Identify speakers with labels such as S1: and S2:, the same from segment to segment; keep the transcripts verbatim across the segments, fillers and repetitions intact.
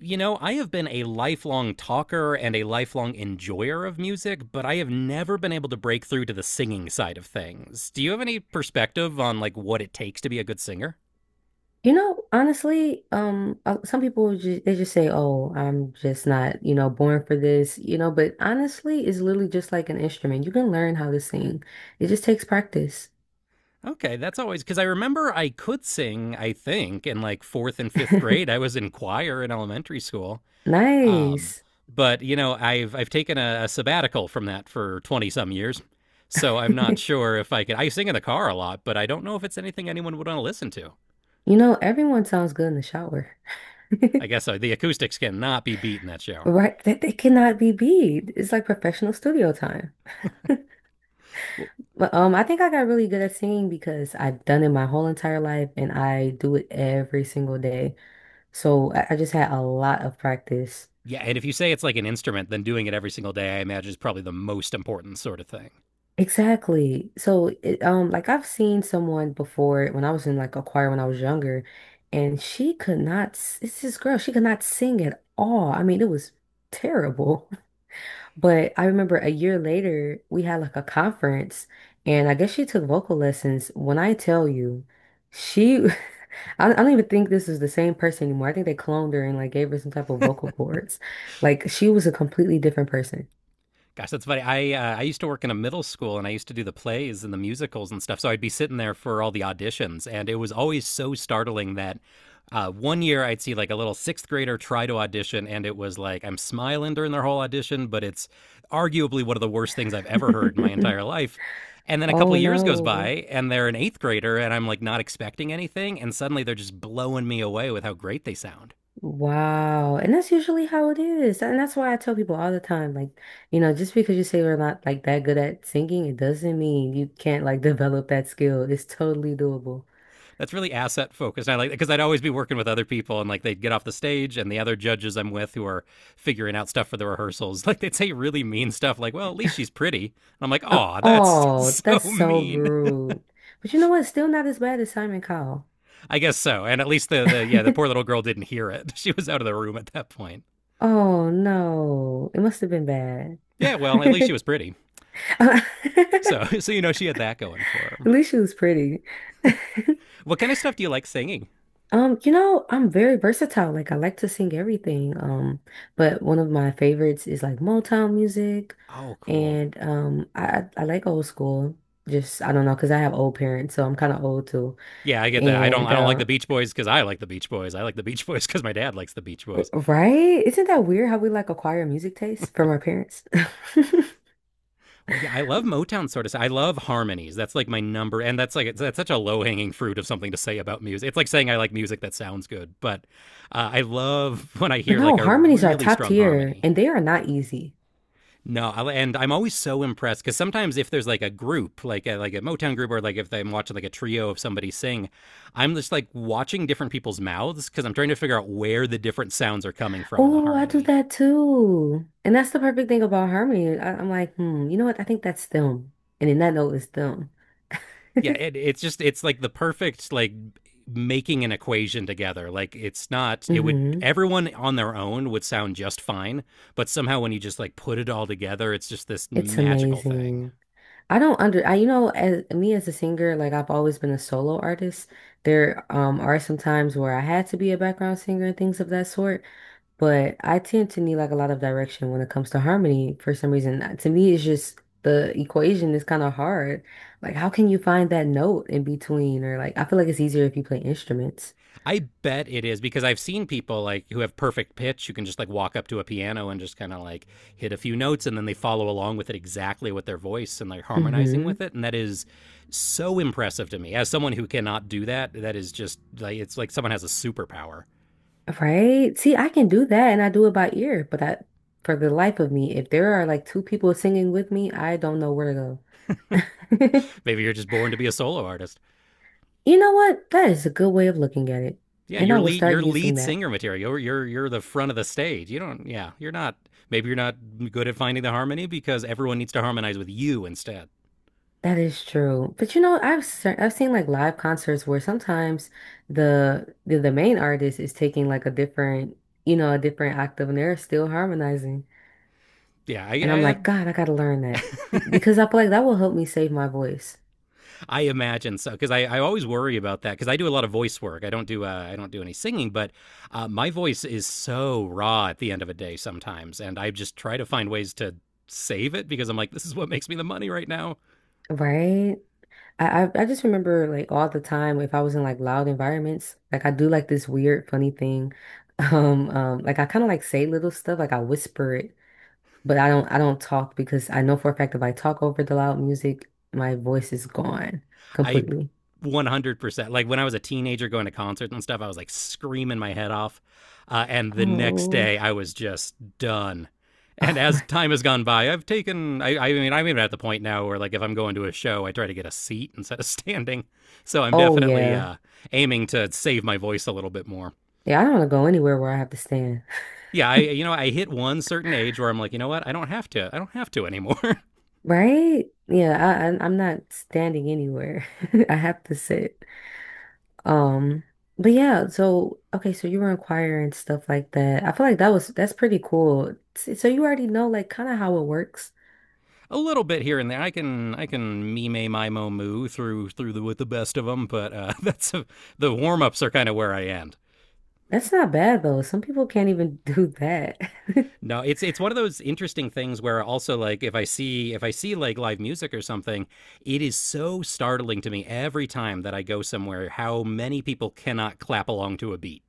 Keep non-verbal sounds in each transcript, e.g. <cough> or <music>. S1: You know, I have been a lifelong talker and a lifelong enjoyer of music, but I have never been able to break through to the singing side of things. Do you have any perspective on like what it takes to be a good singer?
S2: You know, honestly, um, uh, some people just, they just say, "Oh, I'm just not, you know, born for this," you know. But honestly, it's literally just like an instrument. You can learn how to sing. It just takes practice.
S1: Okay, that's always because I remember I could sing, I think, in like fourth and fifth grade.
S2: <laughs>
S1: I was in choir in elementary school. Um,
S2: Nice.
S1: but you know, I've I've taken a, a sabbatical from that for twenty some years, so I'm not
S2: <laughs>
S1: sure if I could. I sing in the car a lot, but I don't know if it's anything anyone would want to listen to.
S2: You know, everyone sounds good in the shower,
S1: I
S2: <laughs>
S1: guess so. The acoustics cannot be beat in that shower.
S2: right? That they cannot be beat. It's like professional studio time. <laughs>
S1: Well,
S2: But um, I think I got really good at singing because I've done it my whole entire life, and I do it every single day. So I, I just had a lot of practice.
S1: yeah, and if you say it's like an instrument, then doing it every single day, I imagine, is probably the most important sort of thing.
S2: Exactly. So, it, um, like I've seen someone before when I was in like a choir when I was younger, and she could not. s- It's this girl. She could not sing at all. I mean, it was terrible. <laughs> But I remember a year later we had like a conference, and I guess she took vocal lessons. When I tell you, she, <laughs> I, I don't even think this is the same person anymore. I think they cloned her and like gave her some type of vocal cords. Like she was a completely different person.
S1: Gosh, that's funny. I uh, I used to work in a middle school, and I used to do the plays and the musicals and stuff. So I'd be sitting there for all the auditions, and it was always so startling that uh, one year I'd see like a little sixth grader try to audition, and it was like I'm smiling during their whole audition, but it's arguably one of the worst things I've ever heard in my entire
S2: <laughs>
S1: life. And then a couple
S2: Oh
S1: of years goes
S2: no.
S1: by, and they're an eighth grader, and I'm like not expecting anything, and suddenly they're just blowing me away with how great they sound.
S2: Wow. And that's usually how it is. And that's why I tell people all the time, like, you know, just because you say we're not like that good at singing, it doesn't mean you can't like <laughs> develop that skill. It's totally doable.
S1: That's really asset focused. I like because I'd always be working with other people, and like they'd get off the stage, and the other judges I'm with who are figuring out stuff for the rehearsals, <laughs> like they'd say really mean stuff, like "Well, at least she's pretty," and I'm like,
S2: Uh,
S1: "Aw, that's
S2: oh,
S1: so
S2: that's so
S1: mean."
S2: rude. But you know what? Still not as bad as Simon Cowell.
S1: <laughs> I guess so, and at least the the yeah, the poor
S2: <laughs>
S1: little girl didn't hear it. <laughs> She was out of the room at that point.
S2: Oh no. It must have been bad.
S1: Yeah, well, at least she was
S2: <laughs>
S1: pretty. So
S2: At
S1: <laughs> so you know she had that going for her.
S2: least she was pretty. <laughs>
S1: What kind of stuff do you like singing?
S2: Um, you know, I'm very versatile. Like I like to sing everything. Um, but one of my favorites is like Motown music
S1: Oh, cool.
S2: and um I I I like old school. Just I don't know, because I have old parents, so I'm kind of old too.
S1: Yeah, I get that. I don't.
S2: And
S1: I don't like
S2: uh
S1: the Beach Boys because I like the Beach Boys. I like the Beach Boys because my dad likes the Beach Boys.
S2: Right? Isn't that weird how we like acquire music taste from our parents? <laughs>
S1: Well, yeah, I love Motown sort of. I love harmonies. That's like my number, and that's like that's such a low hanging fruit of something to say about music. It's like saying I like music that sounds good, but uh, I love <laughs> when I
S2: But
S1: hear
S2: no,
S1: like a
S2: harmonies are
S1: really
S2: top
S1: strong
S2: tier
S1: harmony.
S2: and they are not easy.
S1: No, I, and I'm always so impressed because sometimes if there's like a group, like a, like a Motown group, or like if I'm watching like a trio of somebody sing, I'm just like watching different people's mouths because I'm trying to figure out where the different sounds are coming from in the
S2: Oh, I do
S1: harmony.
S2: that too. And that's the perfect thing about harmony. I, I'm like, hmm, you know what? I think that's them. And in that note, it's them.
S1: Yeah, it,
S2: <laughs>
S1: it's just it's like the perfect, like making an equation together. Like, it's not, it would,
S2: hmm
S1: everyone on their own would sound just fine, but somehow when you just like put it all together, it's just this
S2: It's
S1: magical thing.
S2: amazing. I don't under I you know as me as a singer like I've always been a solo artist. There um are some times where I had to be a background singer and things of that sort, but I tend to need like a lot of direction when it comes to harmony for some reason. Uh, To me, it's just the equation is kind of hard. Like how can you find that note in between or like I feel like it's easier if you play instruments.
S1: I bet it is because I've seen people like who have perfect pitch who can just like walk up to a piano and just kind of like hit a few notes, and then they follow along with it exactly with their voice and like harmonizing with
S2: Mm-hmm.
S1: it, and that is so impressive to me as someone who cannot do that. That is just like it's like someone has a superpower.
S2: Right? See, I can do that and I do it by ear, but I, for the life of me, if there are like two people singing with me, I don't know where to go. <laughs>
S1: Maybe you're just born to be a solo artist.
S2: You know what? That is a good way of looking at it.
S1: Yeah,
S2: And I
S1: you're
S2: will
S1: lead
S2: start
S1: you're
S2: using
S1: lead
S2: that.
S1: singer material. You're, you're you're the front of the stage. You don't, yeah, you're not. Maybe you're not good at finding the harmony because everyone needs to harmonize with you instead.
S2: That is true. But you know, I've se- I've seen like live concerts where sometimes the the, the main artist is taking like a different, you know, a different octave and they're still harmonizing.
S1: Yeah,
S2: And I'm
S1: I, I,
S2: like, God, I gotta learn that. Be because I feel like that will help me save my voice.
S1: I imagine so because I, I always worry about that because I do a lot of voice work. I don't do uh, I don't do any singing, but uh, my voice is so raw at the end of a day sometimes, and I just try to find ways to save it because I'm like, this is what makes me the money right now.
S2: Right? I, I I just remember like all the time if I was in like loud environments, like I do like this weird funny thing. <laughs> Um, um, like I kind of like say little stuff, like I whisper it, but I don't I don't talk because I know for a fact if I talk over the loud music, my voice is gone
S1: I
S2: completely.
S1: one hundred percent like when I was a teenager going to concerts and stuff, I was like screaming my head off. Uh, and the next
S2: Oh,
S1: day, I was just done.
S2: <laughs>
S1: And
S2: oh
S1: as
S2: my,
S1: time has gone by, I've taken, I, I mean, I'm even at the point now where, like, if I'm going to a show, I try to get a seat instead of <laughs> standing. So I'm
S2: oh
S1: definitely
S2: yeah,
S1: uh, aiming to save my voice a little bit more.
S2: yeah. I don't want to go anywhere where I have to stand,
S1: Yeah, I, you know, I hit one certain age where I'm like, you know what? I don't have to, I don't have to anymore. <laughs>
S2: <laughs> right? Yeah, I, I I'm not standing anywhere. <laughs> I have to sit. Um, but yeah, so okay, so you were in choir and stuff like that. I feel like that was That's pretty cool. S- So you already know like kind of how it works.
S1: A little bit here and there. I can I can mime my mo moo through through the, with the best of them, but uh, <laughs> that's a, the warm ups are kind of where I end.
S2: That's not bad though. Some people can't even do that. <laughs>
S1: No, it's it's one of those interesting things where also like if I see if I see like live music or something, it is so startling to me every time that I go somewhere how many people cannot clap along to a beat.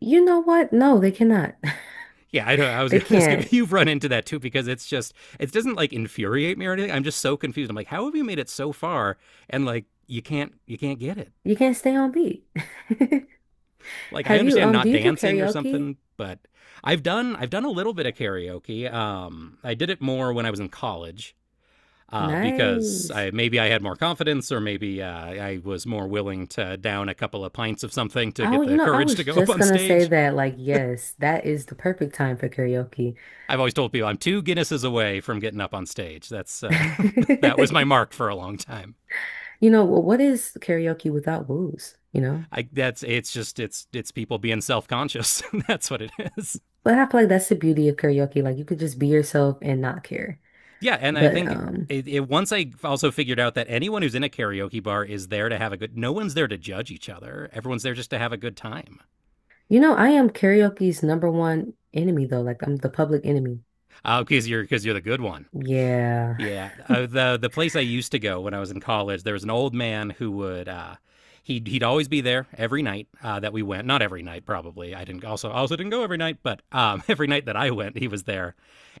S2: You know what? No, they cannot. <laughs>
S1: Yeah, I know. I was <laughs>
S2: They
S1: gonna ask
S2: can't.
S1: if you've run into that too, because it's just it doesn't like infuriate me or anything. I'm just so confused. I'm like, how have you made it so far and like you can't you can't get it?
S2: You can't stay on beat. <laughs>
S1: Like, I
S2: Have you
S1: understand
S2: um do
S1: not
S2: you do
S1: dancing or
S2: karaoke?
S1: something, but I've done I've done a little bit of karaoke. Um, I did it more when I was in college uh, because
S2: Nice.
S1: I maybe I had more confidence or maybe uh, I was more willing to down a couple of pints of something to
S2: I
S1: get
S2: w- you
S1: the
S2: know, I
S1: courage to
S2: was
S1: go up
S2: just
S1: on
S2: gonna say
S1: stage.
S2: that like yes, that is the perfect time for karaoke.
S1: I've always told people I'm two Guinnesses away from getting up on stage. That's uh, <laughs> That was my
S2: <laughs>
S1: mark for a long time.
S2: You know, wh- what is karaoke without booze, you know?
S1: I that's it's just it's it's people being self conscious. <laughs> That's what it is.
S2: But I feel like that's the beauty of karaoke. Like you could just be yourself and not care.
S1: Yeah, and I
S2: But
S1: think
S2: um,
S1: it, it once I also figured out that anyone who's in a karaoke bar is there to have a good. No one's there to judge each other. Everyone's there just to have a good time.
S2: you know, I am karaoke's number one enemy though. Like I'm the public enemy.
S1: Uh, Because you're because you're the good one.
S2: Yeah.
S1: Yeah, uh, the the place I used to go when I was in college, there was an old man who would uh, he'd he'd always be there every night uh, that we went. Not every night, probably. I didn't also also didn't go every night, but um, <laughs> every night that I went, he was there,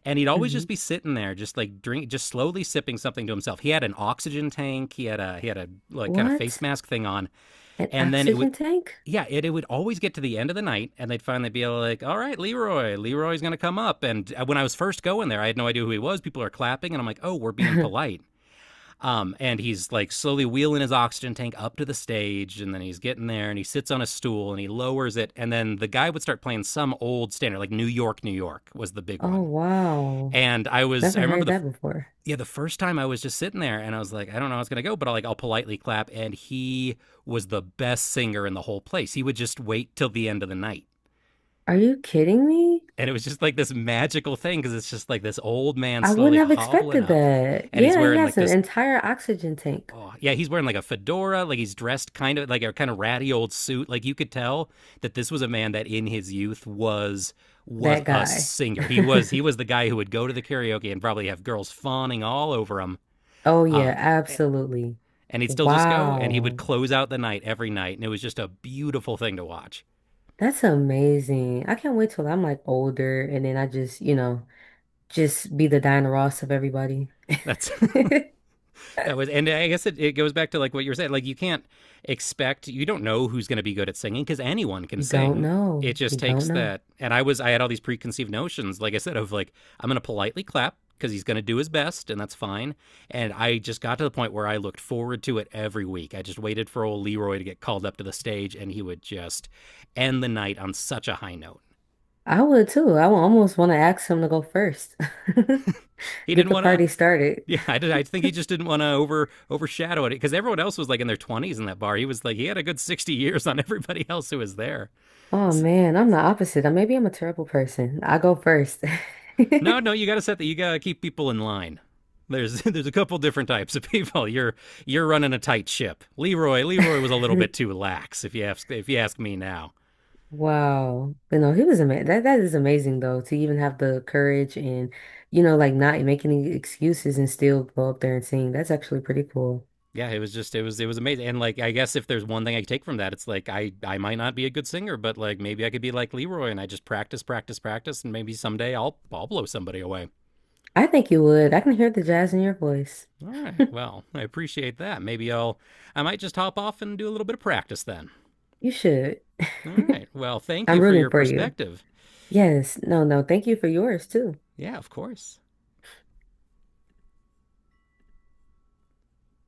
S1: and he'd always
S2: Hmm.
S1: just be sitting there, just like drink, just slowly sipping something to himself. He had an oxygen tank. He had a he had a like kind of face
S2: What?
S1: mask thing on,
S2: An
S1: and then it would
S2: oxygen tank? <laughs>
S1: yeah, it, it would always get to the end of the night, and they'd finally be like, "All right, Leroy, Leroy's going to come up." And uh, when I was first going there, I had no idea who he was. People are clapping, and I'm like, "Oh, we're being polite." Um, and he's like slowly wheeling his oxygen tank up to the stage, and then he's getting there, and he sits on a stool, and he lowers it, and then the guy would start playing some old standard, like New York, New York was the big
S2: Oh
S1: one.
S2: wow.
S1: And I was,
S2: Never
S1: I remember
S2: heard
S1: the,
S2: that before.
S1: yeah, the first time I was just sitting there and I was like, I don't know how it's gonna go, but I'll like I'll politely clap. And he was the best singer in the whole place. He would just wait till the end of the night,
S2: Are you kidding me?
S1: and it was just like this magical thing because it's just like this old man
S2: I wouldn't
S1: slowly
S2: have
S1: hobbling
S2: expected
S1: up,
S2: that.
S1: and he's
S2: Yeah, he
S1: wearing like
S2: has an
S1: this.
S2: entire oxygen tank.
S1: Oh yeah, he's wearing like a fedora, like he's dressed kind of like a kind of ratty old suit. Like you could tell that this was a man that in his youth was was
S2: That
S1: a
S2: guy.
S1: singer.
S2: <laughs>
S1: He was he was the guy who would go to the karaoke and probably have girls fawning all over him.
S2: Oh yeah,
S1: Um,
S2: absolutely.
S1: and he'd still just go and he would
S2: Wow.
S1: close out the night every night, and it was just a beautiful thing to watch.
S2: That's amazing. I can't wait till I'm like older and then I just, you know, just be the Diana Ross of everybody.
S1: That's
S2: <laughs>
S1: <laughs> that was, and I guess it, it goes back to like what you were saying. Like, you can't expect, you don't know who's going to be good at singing because anyone can
S2: You don't
S1: sing. It
S2: know. You
S1: just
S2: don't
S1: takes
S2: know.
S1: that, and i was i had all these preconceived notions, like I said, of like I'm going to politely clap because he's going to do his best and that's fine. And I just got to the point where I looked forward to it every week. I just waited for old Leroy to get called up to the stage, and he would just end the night on such a high note.
S2: I would too. I would almost want to ask him to go first. <laughs>
S1: He
S2: Get
S1: didn't
S2: the
S1: want to.
S2: party started.
S1: Yeah, I, did, I think he just didn't want to over overshadow it because everyone else was like in their twenties in that bar. He was like he had a good sixty years on everybody <laughs> else who was there.
S2: Oh
S1: S-
S2: man, I'm the opposite. Uh, Maybe I'm a terrible person. I go first. <laughs>
S1: no, no, you got to set that. You got to keep people in line. There's <laughs> there's a couple different types of people. You're you're running a tight ship. Leroy Leroy was a little bit too lax if you ask if you ask me now.
S2: Wow. But no, he was amazing. That that is amazing though, to even have the courage and, you know, like not make any excuses and still go up there and sing. That's actually pretty cool.
S1: Yeah, it was just it was it was amazing. And like I guess if there's one thing I could take from that, it's like I I might not be a good singer, but like maybe I could be like Leroy, and I just practice practice practice and maybe someday I'll I'll blow somebody away.
S2: I think you would. I can hear the jazz in your voice.
S1: All right. Well, I appreciate that. Maybe I'll, I might just hop off and do a little bit of practice then.
S2: You should.
S1: All right. Well,
S2: <laughs>
S1: thank you
S2: I'm
S1: for
S2: rooting
S1: your
S2: for you.
S1: perspective.
S2: Yes. No, no. Thank you for yours too.
S1: Yeah, of course.